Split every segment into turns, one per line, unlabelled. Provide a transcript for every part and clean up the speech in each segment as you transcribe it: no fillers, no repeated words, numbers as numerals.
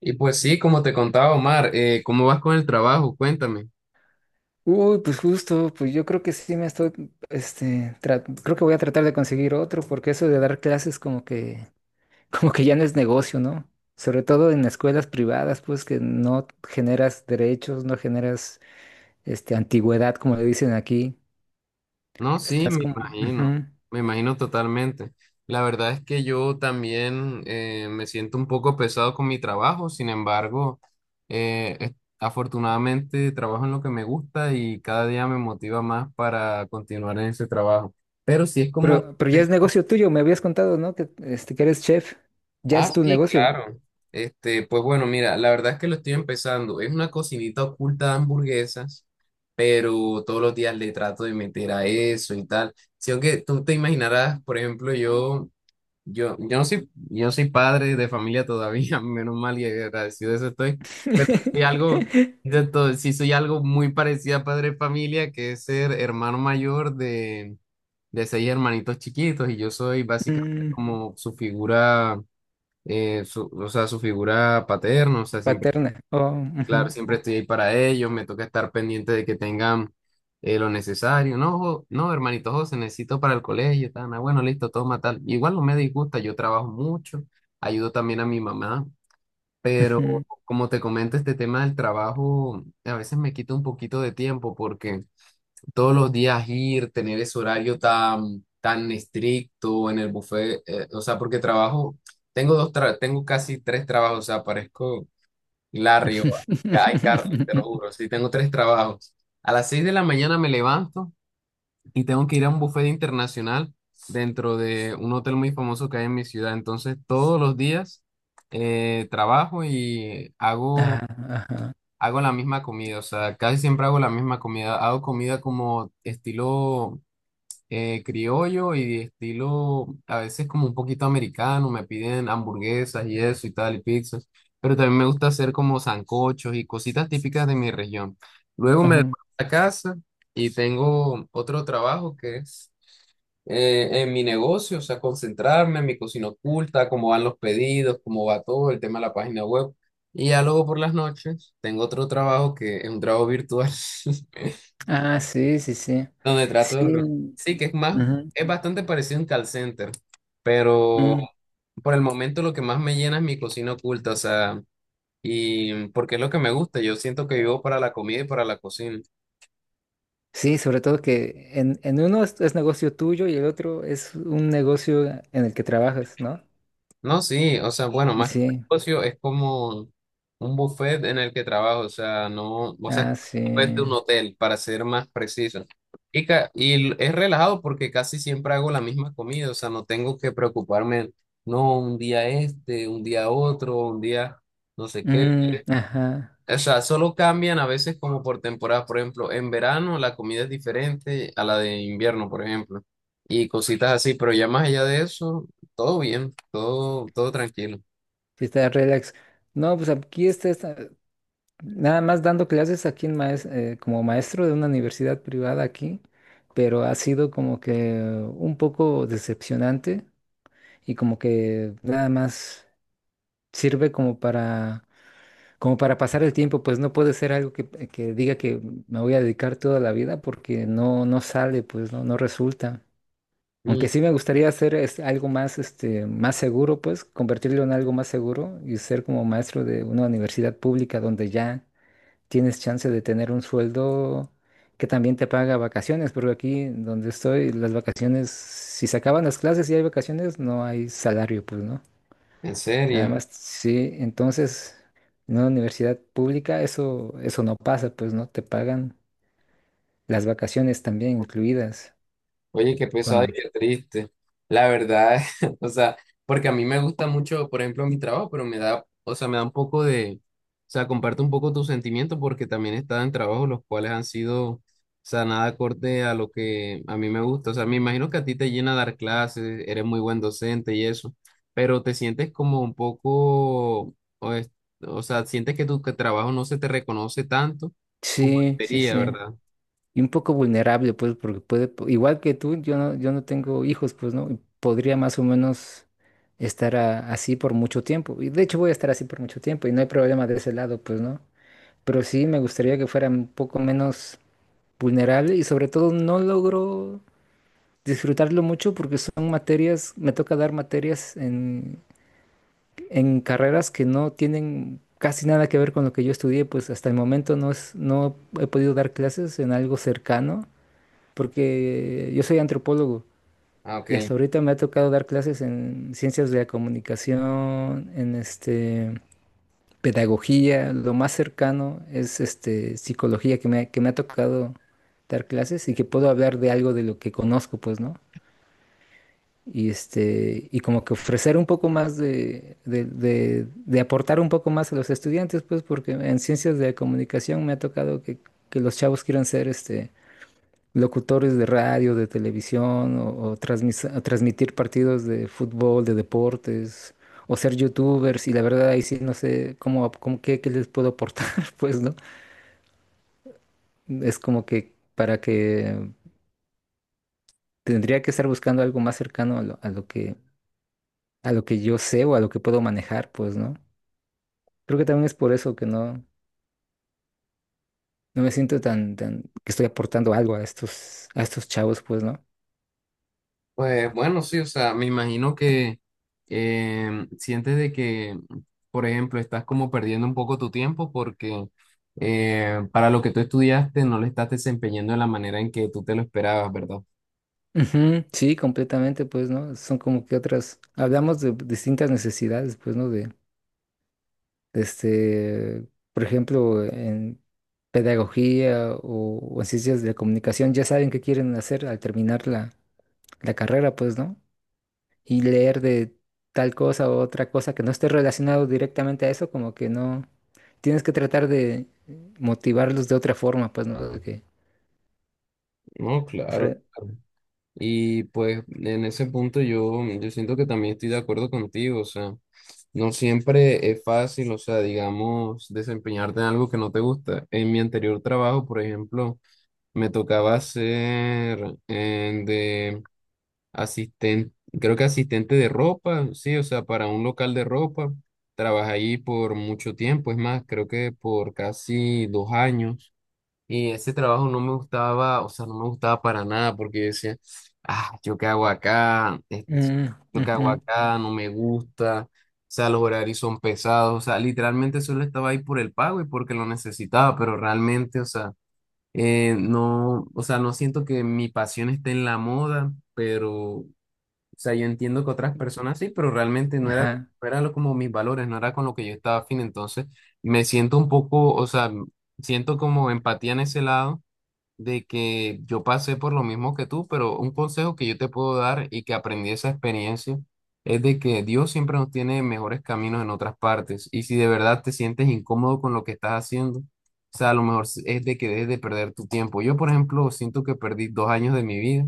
Y pues sí, como te contaba Omar, ¿cómo vas con el trabajo? Cuéntame.
Uy, pues justo, pues yo creo que sí me estoy, tra- creo que voy a tratar de conseguir otro, porque eso de dar clases como que, como que ya no es negocio, ¿no? Sobre todo en escuelas privadas, pues que no generas derechos, no generas, antigüedad, como le dicen aquí.
No, sí,
Estás como, ujú.
me imagino totalmente. La verdad es que yo también me siento un poco pesado con mi trabajo. Sin embargo, eh, es- afortunadamente trabajo en lo que me gusta y cada día me motiva más para continuar en ese trabajo. Pero sí es como...
Pero ya es negocio tuyo, me habías contado, ¿no? Que, este, que eres chef, ya
Ah,
es tu
sí,
negocio.
claro. Este, pues bueno, mira, la verdad es que lo estoy empezando. Es una cocinita oculta de hamburguesas, pero todos los días le trato de meter a eso y tal. Si aunque tú te imaginarás, por ejemplo, yo no soy, yo no soy padre de familia todavía, menos mal y agradecido de eso estoy, pero soy algo, sí soy algo muy parecido a padre de familia, que es ser hermano mayor de 6 hermanitos chiquitos, y yo soy básicamente
Mm,
como su figura o sea, su figura paterna, o sea, siempre,
paterna. Oh,
claro, siempre estoy ahí para ellos. Me toca estar pendiente de que tengan lo necesario. No, no, hermanito José, necesito para el colegio, tal, ah, bueno, listo, toma tal. Igual no me disgusta, yo trabajo mucho, ayudo también a mi mamá,
ujú,
pero
ujú.
como te comento, este tema del trabajo a veces me quita un poquito de tiempo porque todos los días ir, tener ese horario tan, tan estricto en el buffet, o sea, porque trabajo, tengo casi 3 trabajos, o sea, parezco Larry o Guy Carly, te lo juro, sí, tengo 3 trabajos. A las 6 de la mañana me levanto y tengo que ir a un buffet internacional dentro de un hotel muy famoso que hay en mi ciudad, entonces todos los días trabajo y hago...
Ah, ajá.
Hago la misma comida, o sea, casi siempre hago la misma comida. Hago comida como estilo criollo y estilo a veces como un poquito americano, me piden hamburguesas y eso y tal y pizzas, pero también me gusta hacer como sancochos y cositas típicas de mi región. Luego me devuelvo
Ujú.
a la casa y tengo otro trabajo que es en mi negocio, o sea, concentrarme en mi cocina oculta, cómo van los pedidos, cómo va todo el tema de la página web. Y ya luego por las noches tengo otro trabajo que es un trabajo virtual.
Ah, sí, sí, sí.
Donde trato de... re-
Sí.
Sí, que es más,
Ujú,
es bastante parecido a un call center, pero
mm.
por el momento lo que más me llena es mi cocina oculta, o sea, y porque es lo que me gusta, yo siento que vivo para la comida y para la cocina.
Sí, sobre todo que en uno es negocio tuyo y el otro es un negocio en el que trabajas, ¿no?
No, sí, o sea, bueno,
Y
más que un
sí.
negocio es como un buffet en el que trabajo, o sea, no, o sea, es
Ah, sí.
un buffet de un hotel, para ser más preciso. Es relajado porque casi siempre hago la misma comida, o sea, no tengo que preocuparme, no, un día este, un día otro, un día no sé qué.
Mm, ajá.
O sea, solo cambian a veces como por temporada, por ejemplo, en verano la comida es diferente a la de invierno, por ejemplo, y cositas así, pero ya más allá de eso, todo bien, todo, todo tranquilo.
Sí, está relax. No, pues aquí está, está- nada más dando clases aquí en maes- como maestro de una universidad privada aquí, pero ha sido como que un poco decepcionante y como que nada más sirve como para, como para pasar el tiempo, pues no puede ser algo que diga que me voy a dedicar toda la vida porque no, no sale, pues no, no resulta.
Mm.
Aunque sí me gustaría hacer es, algo más, este, más seguro, pues convertirlo en algo más seguro y ser como maestro de una universidad pública donde ya tienes chance de tener un sueldo que también te paga vacaciones, porque aquí donde estoy, las vacaciones, si se acaban las clases y hay vacaciones, no hay salario, pues, ¿no?
En
Nada
serio.
más, sí, entonces en una universidad pública eso, eso no pasa, pues no te pagan las vacaciones también incluidas.
Oye, qué pesado y
Cuando.
qué triste. La verdad, o sea, porque a mí me gusta mucho, por ejemplo, mi trabajo, pero me da, o sea, me da un poco de, o sea, comparte un poco tus sentimientos porque también he estado en trabajos los cuales han sido, o sea, nada acorde a lo que a mí me gusta. O sea, me imagino que a ti te llena dar clases, eres muy buen docente y eso, pero te sientes como un poco, o sea, sientes que tu que trabajo no se te reconoce tanto como
Sí, sí,
debería,
sí.
¿verdad?
Y un poco vulnerable, pues, porque puede, po- igual que tú, yo no tengo hijos, pues, ¿no? Y podría más o menos estar a- así por mucho tiempo. Y de hecho voy a estar así por mucho tiempo y no hay problema de ese lado, pues, ¿no? Pero sí me gustaría que fuera un poco menos vulnerable y sobre todo no logro disfrutarlo mucho porque son materias, me toca dar materias en carreras que no tienen casi nada que ver con lo que yo estudié, pues hasta el momento no es, no he podido dar clases en algo cercano, porque yo soy antropólogo
Ah,
y
ok.
hasta ahorita me ha tocado dar clases en ciencias de la comunicación, en este pedagogía, lo más cercano es este psicología que me ha tocado dar clases y que puedo hablar de algo de lo que conozco, pues, ¿no? Y este, y como que ofrecer un poco más de, de aportar un poco más a los estudiantes, pues, porque en ciencias de la comunicación me ha tocado que los chavos quieran ser este locutores de radio, de televisión, o transmis- o transmitir partidos de fútbol, de deportes, o ser youtubers, y la verdad ahí sí no sé cómo, cómo qué, qué les puedo aportar, pues, ¿no? Es como que para que tendría que estar buscando algo más cercano a lo que yo sé o a lo que puedo manejar, pues, ¿no? Creo que también es por eso que no, no me siento tan, tan, que estoy aportando algo a estos chavos, pues, ¿no?
Pues bueno, sí, o sea, me imagino que sientes de que, por ejemplo, estás como perdiendo un poco tu tiempo porque para lo que tú estudiaste no le estás desempeñando de la manera en que tú te lo esperabas, ¿verdad?
Ujú, sí, completamente, pues, ¿no? Son como que otras, hablamos de distintas necesidades, pues, ¿no? De este, por ejemplo, en pedagogía o en ciencias de la comunicación, ya saben qué quieren hacer al terminar la, la carrera, pues, ¿no? Y leer de tal cosa o otra cosa que no esté relacionado directamente a eso, como que no, tienes que tratar de motivarlos de otra forma, pues, ¿no? De que
No, claro.
ofre-
Claro. Y pues en ese punto yo, yo siento que también estoy de acuerdo contigo, o sea, no siempre es fácil, o sea, digamos, desempeñarte en algo que no te gusta. En mi anterior trabajo, por ejemplo, me tocaba ser de asistente, creo que asistente de ropa, sí, o sea, para un local de ropa. Trabajé ahí por mucho tiempo, es más, creo que por casi 2 años. Y ese trabajo no me gustaba, o sea, no me gustaba para nada porque yo decía, ah, yo qué hago acá, esto
Mm,
que hago
ujú,
acá no me gusta, o sea, los horarios son pesados, o sea, literalmente solo estaba ahí por el pago y porque lo necesitaba, pero realmente, o sea, no, o sea, no siento que mi pasión esté en la moda, pero, o sea, yo entiendo que otras personas sí, pero realmente no era,
ajá,
como mis valores, no era con lo que yo estaba afín, entonces me siento un poco, o sea, siento como empatía en ese lado de que yo pasé por lo mismo que tú, pero un consejo que yo te puedo dar y que aprendí de esa experiencia es de que Dios siempre nos tiene mejores caminos en otras partes. Y si de verdad te sientes incómodo con lo que estás haciendo, o sea, a lo mejor es de que dejes de perder tu tiempo. Yo, por ejemplo, siento que perdí 2 años de mi vida,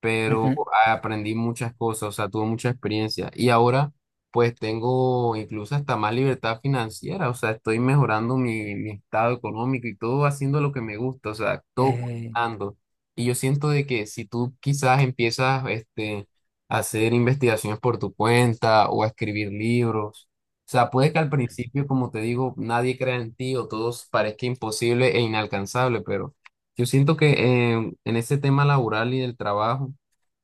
pero
ujú,
aprendí muchas cosas, o sea, tuve mucha experiencia y ahora pues tengo incluso hasta más libertad financiera, o sea, estoy mejorando mi, mi estado económico y todo haciendo lo que me gusta, o sea, todo
eh,
combinando. Y yo siento de que si tú quizás empiezas este, a hacer investigaciones por tu cuenta o a escribir libros, o sea, puede que al
ujú.
principio, como te digo, nadie crea en ti o todo parezca imposible e inalcanzable, pero... Yo siento que en ese tema laboral y del trabajo,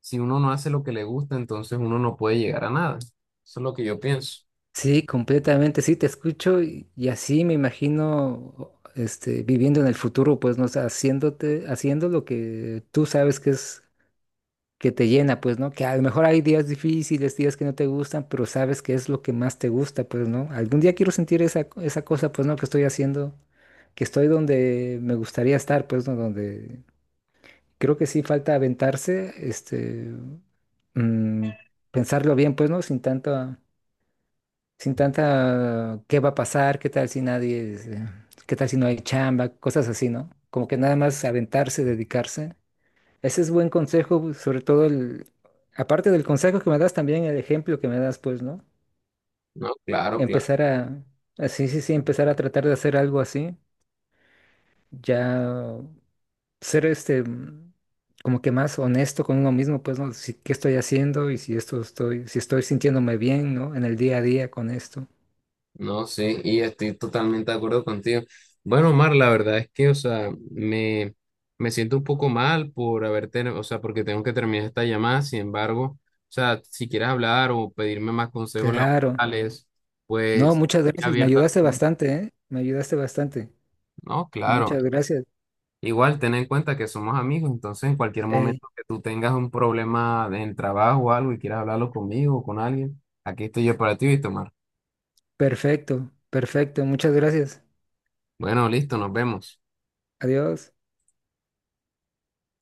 si uno no hace lo que le gusta, entonces uno no puede llegar a nada. Eso es lo que yo pienso.
Sí, completamente, sí, te escucho y así me imagino. Este, viviendo en el futuro, pues, no sé, haciéndote, haciendo lo que tú sabes que es que te llena, pues, ¿no? Que a lo mejor hay días difíciles, días que no te gustan, pero sabes que es lo que más te gusta, pues, ¿no? Algún día quiero sentir esa, esa cosa, pues, ¿no? Que estoy haciendo, que estoy donde me gustaría estar, pues, ¿no? Donde creo que sí falta aventarse, este, mm, pensarlo bien, pues, ¿no? Sin tanta, sin tanta, ¿qué va a pasar? ¿Qué tal si nadie, qué tal si no hay chamba? Cosas así, ¿no? Como que nada más aventarse, dedicarse ese es buen consejo, sobre todo el, aparte del consejo que me das, también el ejemplo que me das, pues, ¿no?
No, claro, claro.
Empezar a- sí, sí, sí, empezar a tratar de hacer algo así, ya ser este, mm, como que más honesto con uno mismo, pues, ¿no? Si, qué estoy haciendo y si esto estoy, si estoy sintiéndome bien, ¿no? En el día a día con esto.
No, sí, y estoy totalmente de acuerdo contigo. Bueno, Omar, la verdad es que, o sea, me siento un poco mal por haber tenido, o sea, porque tengo que terminar esta llamada. Sin embargo, o sea, si quieres hablar o pedirme más consejos
Claro.
laborales,
No,
pues
muchas
estoy
gracias, me
abierto a...
ayudaste bastante, ¿eh? Me ayudaste bastante.
No, claro.
Muchas gracias.
Igual, ten en cuenta que somos amigos, entonces en cualquier
Ey,
momento que tú tengas un problema en el trabajo o algo y quieras hablarlo conmigo o con alguien, aquí estoy yo para ti, Víctor Omar.
perfecto, perfecto, muchas gracias.
Bueno, listo, nos vemos.
Adiós.